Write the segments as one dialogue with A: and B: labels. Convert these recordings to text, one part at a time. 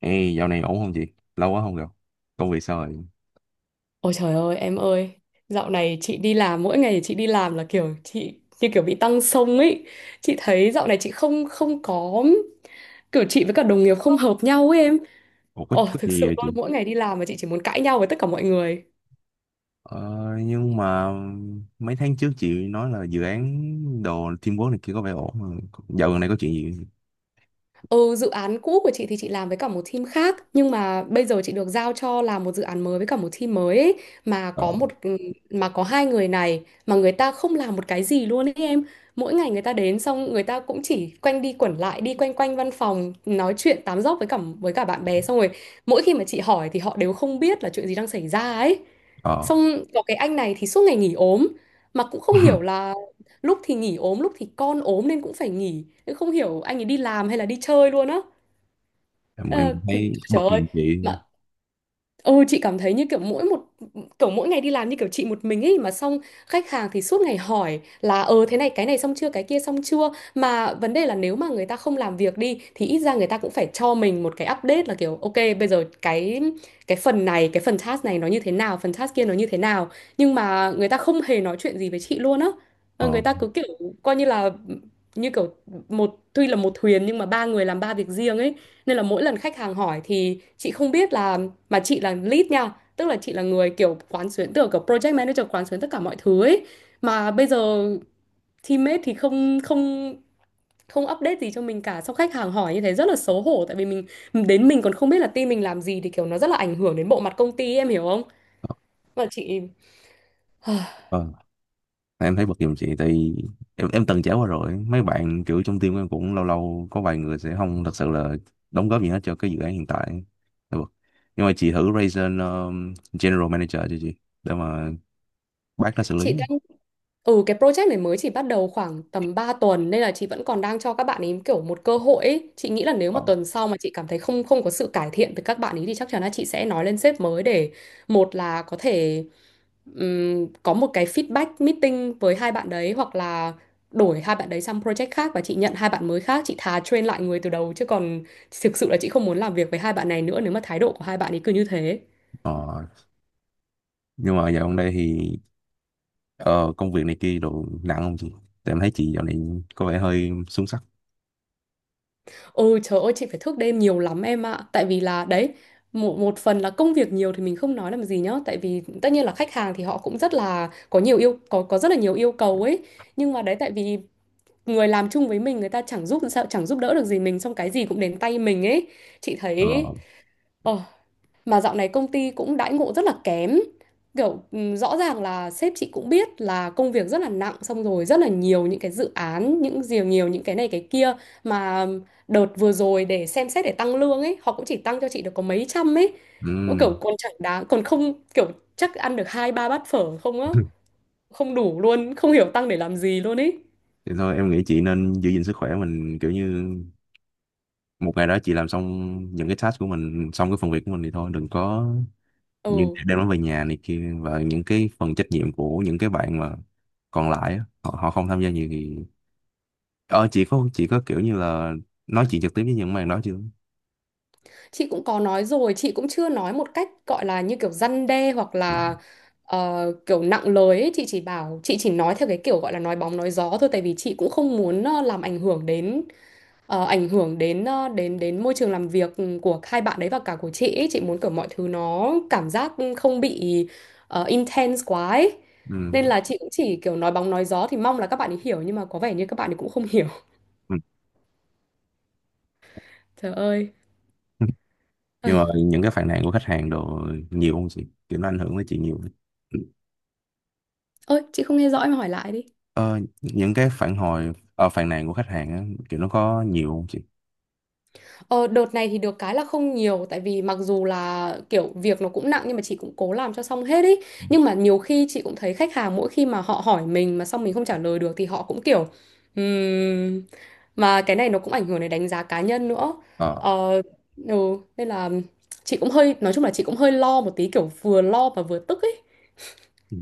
A: Ê, dạo này ổn không chị? Lâu quá không gặp. Công việc sao rồi?
B: Ôi trời ơi em ơi. Dạo này chị đi làm mỗi ngày chị đi làm là kiểu chị như kiểu bị tăng xông ấy. Chị thấy dạo này chị không không có, kiểu chị với cả đồng nghiệp không hợp nhau ấy em.
A: Ủa, có,
B: Ồ
A: có
B: thực
A: gì
B: sự
A: vậy chị?
B: luôn, mỗi ngày đi làm mà chị chỉ muốn cãi nhau với tất cả mọi người.
A: Ờ, nhưng mà mấy tháng trước chị nói là dự án đồ teamwork này kia có vẻ ổn mà. Dạo gần đây có chuyện gì vậy?
B: Ừ, dự án cũ của chị thì chị làm với cả một team khác, nhưng mà bây giờ chị được giao cho làm một dự án mới với cả một team mới ấy, mà
A: Ờ.
B: có một mà có hai người này mà người ta không làm một cái gì luôn ấy em. Mỗi ngày người ta đến xong người ta cũng chỉ quanh đi quẩn lại đi quanh quanh văn phòng nói chuyện tám dóc với cả bạn bè, xong rồi mỗi khi mà chị hỏi thì họ đều không biết là chuyện gì đang xảy ra ấy.
A: Ờ.
B: Xong có cái anh này thì suốt ngày nghỉ ốm, mà cũng không hiểu là lúc thì nghỉ ốm lúc thì con ốm nên cũng phải nghỉ. Em không hiểu anh ấy đi làm hay là đi chơi luôn á.
A: Em,
B: Ờ,
A: em thấy
B: trời
A: bật
B: ơi,
A: giùm chị.
B: mà Ừ, chị cảm thấy như kiểu mỗi một kiểu mỗi ngày đi làm như kiểu chị một mình ấy, mà xong khách hàng thì suốt ngày hỏi là thế này cái này xong chưa cái kia xong chưa, mà vấn đề là nếu mà người ta không làm việc đi thì ít ra người ta cũng phải cho mình một cái update, là kiểu ok bây giờ cái phần này cái phần task này nó như thế nào, phần task kia nó như thế nào, nhưng mà người ta không hề nói chuyện gì với chị luôn á. Ờ,
A: Ờ.
B: người ta cứ kiểu coi như là như kiểu một, tuy là một thuyền nhưng mà ba người làm ba việc riêng ấy. Nên là mỗi lần khách hàng hỏi thì chị không biết là, mà chị là lead nha, tức là chị là người kiểu quán xuyến, tưởng kiểu project manager quán xuyến tất cả mọi thứ ấy, mà bây giờ teammate thì không không không update gì cho mình cả, xong khách hàng hỏi như thế rất là xấu hổ tại vì mình, đến mình còn không biết là team mình làm gì thì kiểu nó rất là ảnh hưởng đến bộ mặt công ty, em hiểu không? Mà chị
A: Ờ. Em thấy bật giùm chị tại vì em từng trải qua rồi. Mấy bạn kiểu trong team em cũng lâu lâu có vài người sẽ không thật sự là đóng góp gì hết cho cái dự án hiện tại. Em bật. Nhưng mà chị thử raise general manager cho chị để mà bác nó xử lý
B: chị
A: không?
B: đang, ừ cái project này mới chỉ bắt đầu khoảng tầm 3 tuần nên là chị vẫn còn đang cho các bạn ấy kiểu một cơ hội ấy. Chị nghĩ là nếu
A: Ờ.
B: mà tuần sau mà chị cảm thấy không không có sự cải thiện từ các bạn ấy thì chắc chắn là chị sẽ nói lên sếp mới để một là có thể có một cái feedback meeting với hai bạn đấy, hoặc là đổi hai bạn đấy sang project khác và chị nhận hai bạn mới khác. Chị thà train lại người từ đầu chứ còn thực sự là chị không muốn làm việc với hai bạn này nữa nếu mà thái độ của hai bạn ấy cứ như thế.
A: Ờ. Nhưng mà dạo gần đây thì ờ, công việc này kia đồ nặng không chị? Tại em thấy chị dạo này có vẻ hơi xuống sắc.
B: Ôi trời ơi chị phải thức đêm nhiều lắm em ạ. Tại vì là đấy, một phần là công việc nhiều thì mình không nói làm gì nhá. Tại vì tất nhiên là khách hàng thì họ cũng rất là, có rất là nhiều yêu cầu ấy. Nhưng mà đấy tại vì người làm chung với mình, người ta chẳng giúp đỡ được gì mình, xong cái gì cũng đến tay mình ấy. Chị thấy
A: Ờ.
B: ờ. Mà dạo này công ty cũng đãi ngộ rất là kém. Kiểu rõ ràng là sếp chị cũng biết là công việc rất là nặng, xong rồi rất là nhiều những cái dự án, những nhiều nhiều những cái này cái kia, mà đợt vừa rồi để xem xét để tăng lương ấy, họ cũng chỉ tăng cho chị được có mấy trăm ấy. Cũng
A: Ừm.
B: kiểu còn chẳng đáng, còn không kiểu chắc ăn được hai ba bát phở không á, không đủ luôn, không hiểu tăng để làm gì luôn ấy.
A: Thì thôi em nghĩ chị nên giữ gìn sức khỏe mình, kiểu như một ngày đó chị làm xong những cái task của mình, xong cái phần việc của mình thì thôi đừng có như
B: Ừ.
A: đem nó về nhà này kia. Và những cái phần trách nhiệm của những cái bạn mà còn lại á, họ không tham gia nhiều thì ờ chị có kiểu như là nói chuyện trực tiếp với những bạn đó chưa?
B: Chị cũng có nói rồi, chị cũng chưa nói một cách gọi là như kiểu răn đe hoặc
A: Ờ.
B: là kiểu nặng lời ấy. Chị chỉ bảo chị chỉ nói theo cái kiểu gọi là nói bóng nói gió thôi, tại vì chị cũng không muốn làm ảnh hưởng đến ờ, ảnh hưởng đến ờ, đến đến môi trường làm việc của hai bạn đấy và cả của chị ấy. Chị muốn kiểu mọi thứ nó cảm giác không bị intense quá ấy.
A: Ừ.
B: Nên là chị cũng chỉ kiểu nói bóng nói gió thì mong là các bạn ấy hiểu, nhưng mà có vẻ như các bạn ấy cũng không hiểu.
A: Ừ.
B: Trời ơi.
A: Nhưng mà
B: Ai,
A: những cái phàn nàn của khách hàng đồ nhiều không chị, kiểu nó ảnh hưởng tới chị nhiều không?
B: ôi, chị không nghe rõ em hỏi lại đi.
A: Ờ, những cái phản hồi phàn nàn của khách hàng á, kiểu nó có nhiều không chị?
B: Ờ, đợt này thì được cái là không nhiều, tại vì mặc dù là kiểu việc nó cũng nặng nhưng mà chị cũng cố làm cho xong hết ý. Nhưng mà nhiều khi chị cũng thấy khách hàng mỗi khi mà họ hỏi mình mà xong mình không trả lời được thì họ cũng kiểu "ừm," mà cái này nó cũng ảnh hưởng đến đánh giá cá nhân nữa.
A: Ờ.
B: ờ, ừ, Nên là chị cũng hơi, nói chung là chị cũng hơi lo một tí, kiểu vừa lo mà vừa tức ấy.
A: Ừ.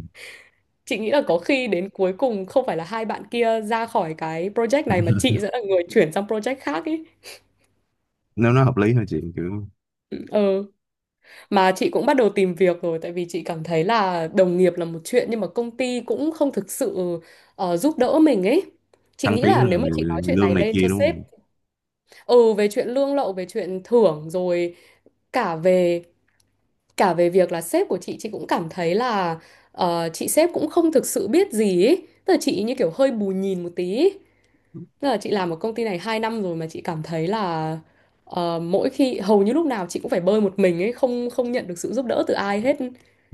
B: Chị nghĩ là có khi đến cuối cùng không phải là hai bạn kia ra khỏi cái project này mà chị sẽ là người chuyển sang project khác ấy.
A: Nếu nó hợp lý thôi chị, kiểu
B: Ừ. Mà chị cũng bắt đầu tìm việc rồi, tại vì chị cảm thấy là đồng nghiệp là một chuyện nhưng mà công ty cũng không thực sự giúp đỡ mình ấy. Chị
A: thăng
B: nghĩ là
A: tiến là
B: nếu mà chị nói chuyện
A: lương
B: này
A: này
B: lên
A: kia
B: cho
A: đúng
B: sếp,
A: không?
B: ừ về chuyện lương lậu, về chuyện thưởng rồi cả về cả về việc là sếp của chị cũng cảm thấy là chị sếp cũng không thực sự biết gì ấy. Tức là chị như kiểu hơi bù nhìn một tí. Tức là chị làm ở công ty này 2 năm rồi mà chị cảm thấy là mỗi khi hầu như lúc nào chị cũng phải bơi một mình ấy, không không nhận được sự giúp đỡ từ ai hết.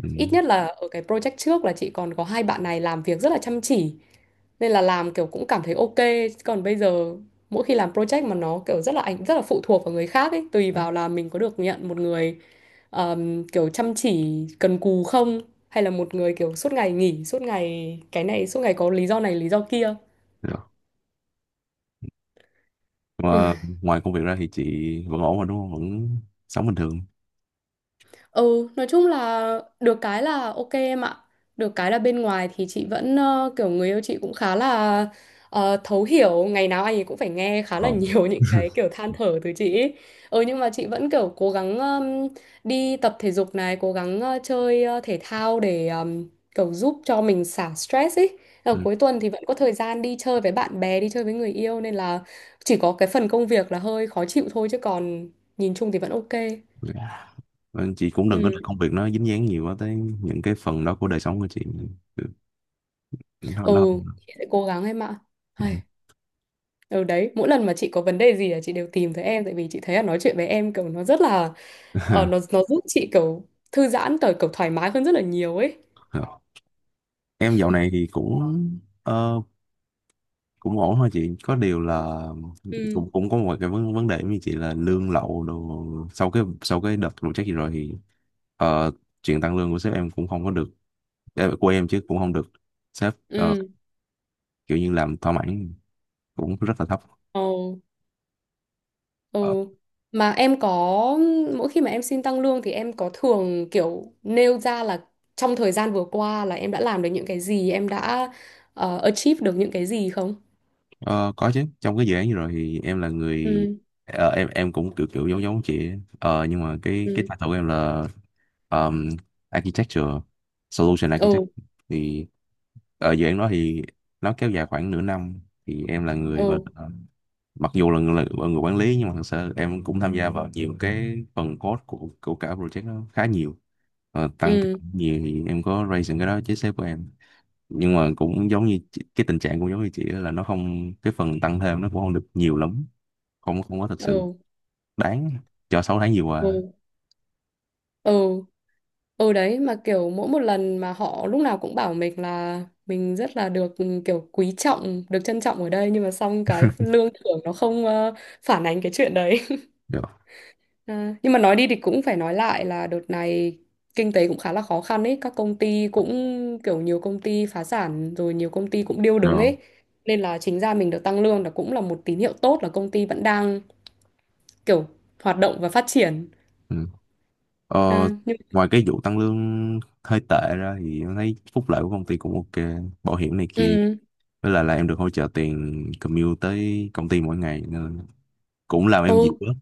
A: Ừ.
B: Ít nhất là ở cái project trước là chị còn có hai bạn này làm việc rất là chăm chỉ nên là làm kiểu cũng cảm thấy ok. Chứ còn bây giờ mỗi khi làm project mà nó kiểu rất là ảnh, rất là phụ thuộc vào người khác ấy, tùy vào là mình có được nhận một người kiểu chăm chỉ cần cù không, hay là một người kiểu suốt ngày nghỉ, suốt ngày cái này, suốt ngày có lý do này lý do kia.
A: Rồi. Mà ngoài công việc ra thì chị vẫn ổn mà, đúng không? Vẫn sống bình thường.
B: Ừ, nói chung là được cái là ok em ạ. Được cái là bên ngoài thì chị vẫn kiểu người yêu chị cũng khá là thấu hiểu, ngày nào anh ấy cũng phải nghe khá
A: Ờ.
B: là nhiều những cái kiểu than thở từ chị ấy. Ừ nhưng mà chị vẫn kiểu cố gắng đi tập thể dục này, cố gắng chơi thể thao để kiểu giúp cho mình xả stress ấy. Ờ,
A: Ừ.
B: cuối tuần thì vẫn có thời gian đi chơi với bạn bè, đi chơi với người yêu, nên là chỉ có cái phần công việc là hơi khó chịu thôi chứ còn nhìn chung thì vẫn ok.
A: Vâng, chị cũng đừng có để
B: Ừ.
A: công việc nó dính dáng nhiều quá tới những cái phần đó của đời sống của chị, nó
B: Ừ,
A: nó
B: chị sẽ cố gắng em ạ. Hay. Ừ đấy, mỗi lần mà chị có vấn đề gì là chị đều tìm tới em, tại vì chị thấy là nói chuyện với em kiểu nó rất là nó giúp chị kiểu thư giãn tới kiểu thoải mái hơn rất là nhiều ấy.
A: Ừ. Em dạo này thì cũng ờ, cũng ổn thôi chị, có điều là
B: Ừ,
A: cũng cũng có một cái vấn vấn đề như chị là lương lậu đồ. Sau cái đợt vụ trách gì rồi thì ờ, chuyện tăng lương của sếp em cũng không có được, của em chứ, cũng không được sếp
B: ừ,
A: kiểu như làm thỏa mãn, cũng rất là thấp.
B: ồ, ừ. Mà em có, mỗi khi mà em xin tăng lương thì em có thường kiểu nêu ra là trong thời gian vừa qua là em đã làm được những cái gì, em đã achieve được những cái gì không?
A: Ờ, có chứ, trong cái dự án vừa rồi thì em là người
B: Ừ,
A: em cũng kiểu kiểu giống giống chị ấy. Ờ, nhưng mà cái
B: ừ,
A: title của em là um, Architecture Solution Architect.
B: ừ,
A: Thì ở dự án đó thì nó kéo dài khoảng nửa năm, thì em là người, và
B: ừ,
A: mặc dù là người quản lý, nhưng mà thực sự em cũng tham gia vào nhiều cái phần code của cả project nó khá nhiều. Ờ, tăng
B: ừ,
A: nhiều thì em có raise những cái đó với sếp của em, nhưng mà cũng cái tình trạng cũng giống như chị, đó là nó không, cái phần tăng thêm nó cũng không được nhiều lắm, không không có thật sự
B: ừ,
A: đáng cho 6 tháng vừa qua.
B: ừ. Ừ. Ừ đấy, mà kiểu mỗi một lần mà họ lúc nào cũng bảo mình là mình rất là được, ừ, kiểu quý trọng, được trân trọng ở đây, nhưng mà xong cái lương thưởng nó không phản ánh cái chuyện đấy.
A: Được
B: À, nhưng mà nói đi thì cũng phải nói lại là đợt này kinh tế cũng khá là khó khăn ấy, các công ty cũng kiểu nhiều công ty phá sản rồi, nhiều công ty cũng điêu đứng
A: rồi.
B: ấy. Nên là chính ra mình được tăng lương là cũng là một tín hiệu tốt là công ty vẫn đang kiểu hoạt động và phát triển.
A: Ừ. ờ,
B: À, nhưng
A: Ngoài cái vụ tăng lương hơi tệ ra thì em thấy phúc lợi của công ty cũng ok, bảo hiểm này kia,
B: ừ,
A: với lại là em được hỗ trợ tiền commute tới công ty mỗi ngày nên cũng làm em dịu
B: ừ.
A: lắm.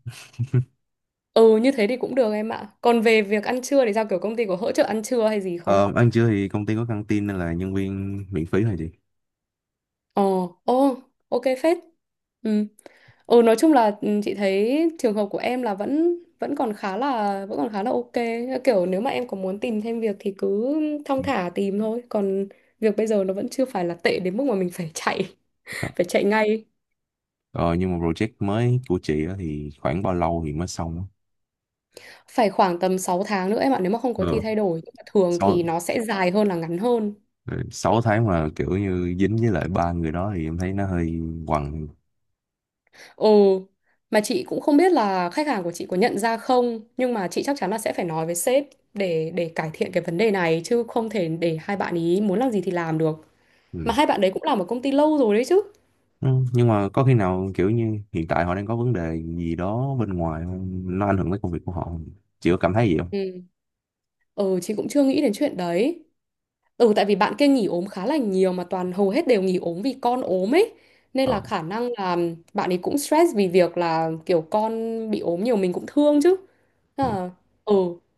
B: Ừ như thế thì cũng được em ạ. Còn về việc ăn trưa thì sao, kiểu công ty có hỗ trợ ăn trưa hay gì không?
A: Ờ, Ăn trưa thì công ty có căng tin nên là nhân viên miễn phí thôi chị.
B: Ồ, ồ, ok phết. Ừ. Ừ nói chung là ừ, chị thấy trường hợp của em là vẫn vẫn còn khá là vẫn còn khá là ok. Kiểu nếu mà em có muốn tìm thêm việc thì cứ
A: Ừ.
B: thong thả tìm thôi. Còn việc bây giờ nó vẫn chưa phải là tệ đến mức mà mình phải chạy, phải chạy ngay.
A: Ờ, nhưng mà project mới của chị á thì khoảng bao lâu thì mới xong á?
B: Phải khoảng tầm sáu tháng nữa em ạ, nếu mà không có gì
A: Ờ.
B: thay đổi. Nhưng mà thường
A: sáu
B: thì nó sẽ dài hơn là ngắn hơn.
A: ừ, sáu tháng mà kiểu như dính với lại ba người đó thì em thấy nó hơi quằn.
B: Ừ, mà chị cũng không biết là khách hàng của chị có nhận ra không, nhưng mà chị chắc chắn là sẽ phải nói với sếp để cải thiện cái vấn đề này chứ không thể để hai bạn ý muốn làm gì thì làm được. Mà
A: Ừ.
B: hai bạn đấy cũng làm ở công ty lâu rồi đấy chứ.
A: Ừ, nhưng mà có khi nào kiểu như hiện tại họ đang có vấn đề gì đó bên ngoài không, nó ảnh hưởng tới công việc của họ không, chị có cảm thấy gì không?
B: Ừ. Ừ, chị cũng chưa nghĩ đến chuyện đấy. Ừ tại vì bạn kia nghỉ ốm khá là nhiều mà toàn hầu hết đều nghỉ ốm vì con ốm ấy. Nên là
A: Ờ.
B: khả năng là bạn ấy cũng stress vì việc là kiểu con bị ốm nhiều, mình cũng thương chứ.
A: Ừ.
B: À, ừ,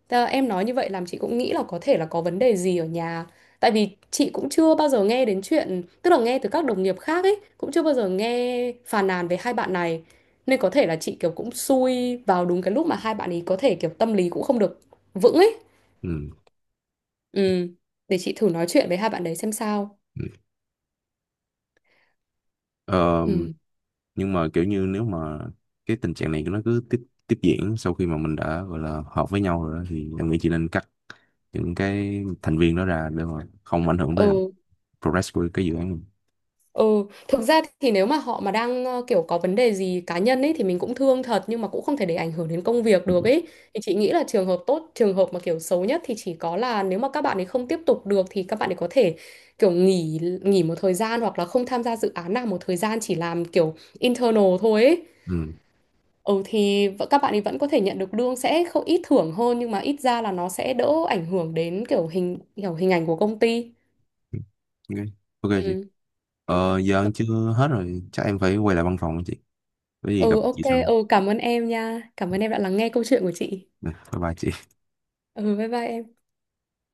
B: thế là em nói như vậy làm chị cũng nghĩ là có thể là có vấn đề gì ở nhà. Tại vì chị cũng chưa bao giờ nghe đến chuyện, tức là nghe từ các đồng nghiệp khác ấy, cũng chưa bao giờ nghe phàn nàn về hai bạn này. Nên có thể là chị kiểu cũng xui vào đúng cái lúc mà hai bạn ấy có thể kiểu tâm lý cũng không được vững ấy.
A: Ừ.
B: Ừ, để chị thử nói chuyện với hai bạn đấy xem sao.
A: Ừ. Ờ,
B: Ừ.
A: nhưng mà kiểu như nếu mà cái tình trạng này nó cứ tiếp tiếp diễn sau khi mà mình đã gọi là họp với nhau rồi đó, thì em nghĩ chị nên cắt những cái thành viên đó ra để mà không ảnh hưởng tới
B: Ừ.
A: progress của cái dự án.
B: Ừ. Thực ra thì nếu mà họ mà đang kiểu có vấn đề gì cá nhân ấy thì mình cũng thương thật, nhưng mà cũng không thể để ảnh hưởng đến công việc
A: Ừ.
B: được ấy. Thì chị nghĩ là trường hợp tốt, trường hợp mà kiểu xấu nhất thì chỉ có là nếu mà các bạn ấy không tiếp tục được thì các bạn ấy có thể kiểu nghỉ nghỉ một thời gian hoặc là không tham gia dự án nào một thời gian, chỉ làm kiểu internal thôi ấy.
A: Ừ.
B: Các bạn ấy vẫn có thể nhận được lương, sẽ không ít thưởng hơn, nhưng mà ít ra là nó sẽ đỡ ảnh hưởng đến kiểu hình ảnh của công ty.
A: Ok. Ok chị.
B: Ừ.
A: Ờ, giờ ăn chưa hết rồi, chắc em phải quay lại văn phòng chị. Có gì gặp
B: Ừ ok,
A: chị sau.
B: ừ cảm ơn em nha. Cảm ơn em đã lắng nghe câu chuyện của chị.
A: Nè, bye bye chị.
B: Ừ bye bye em.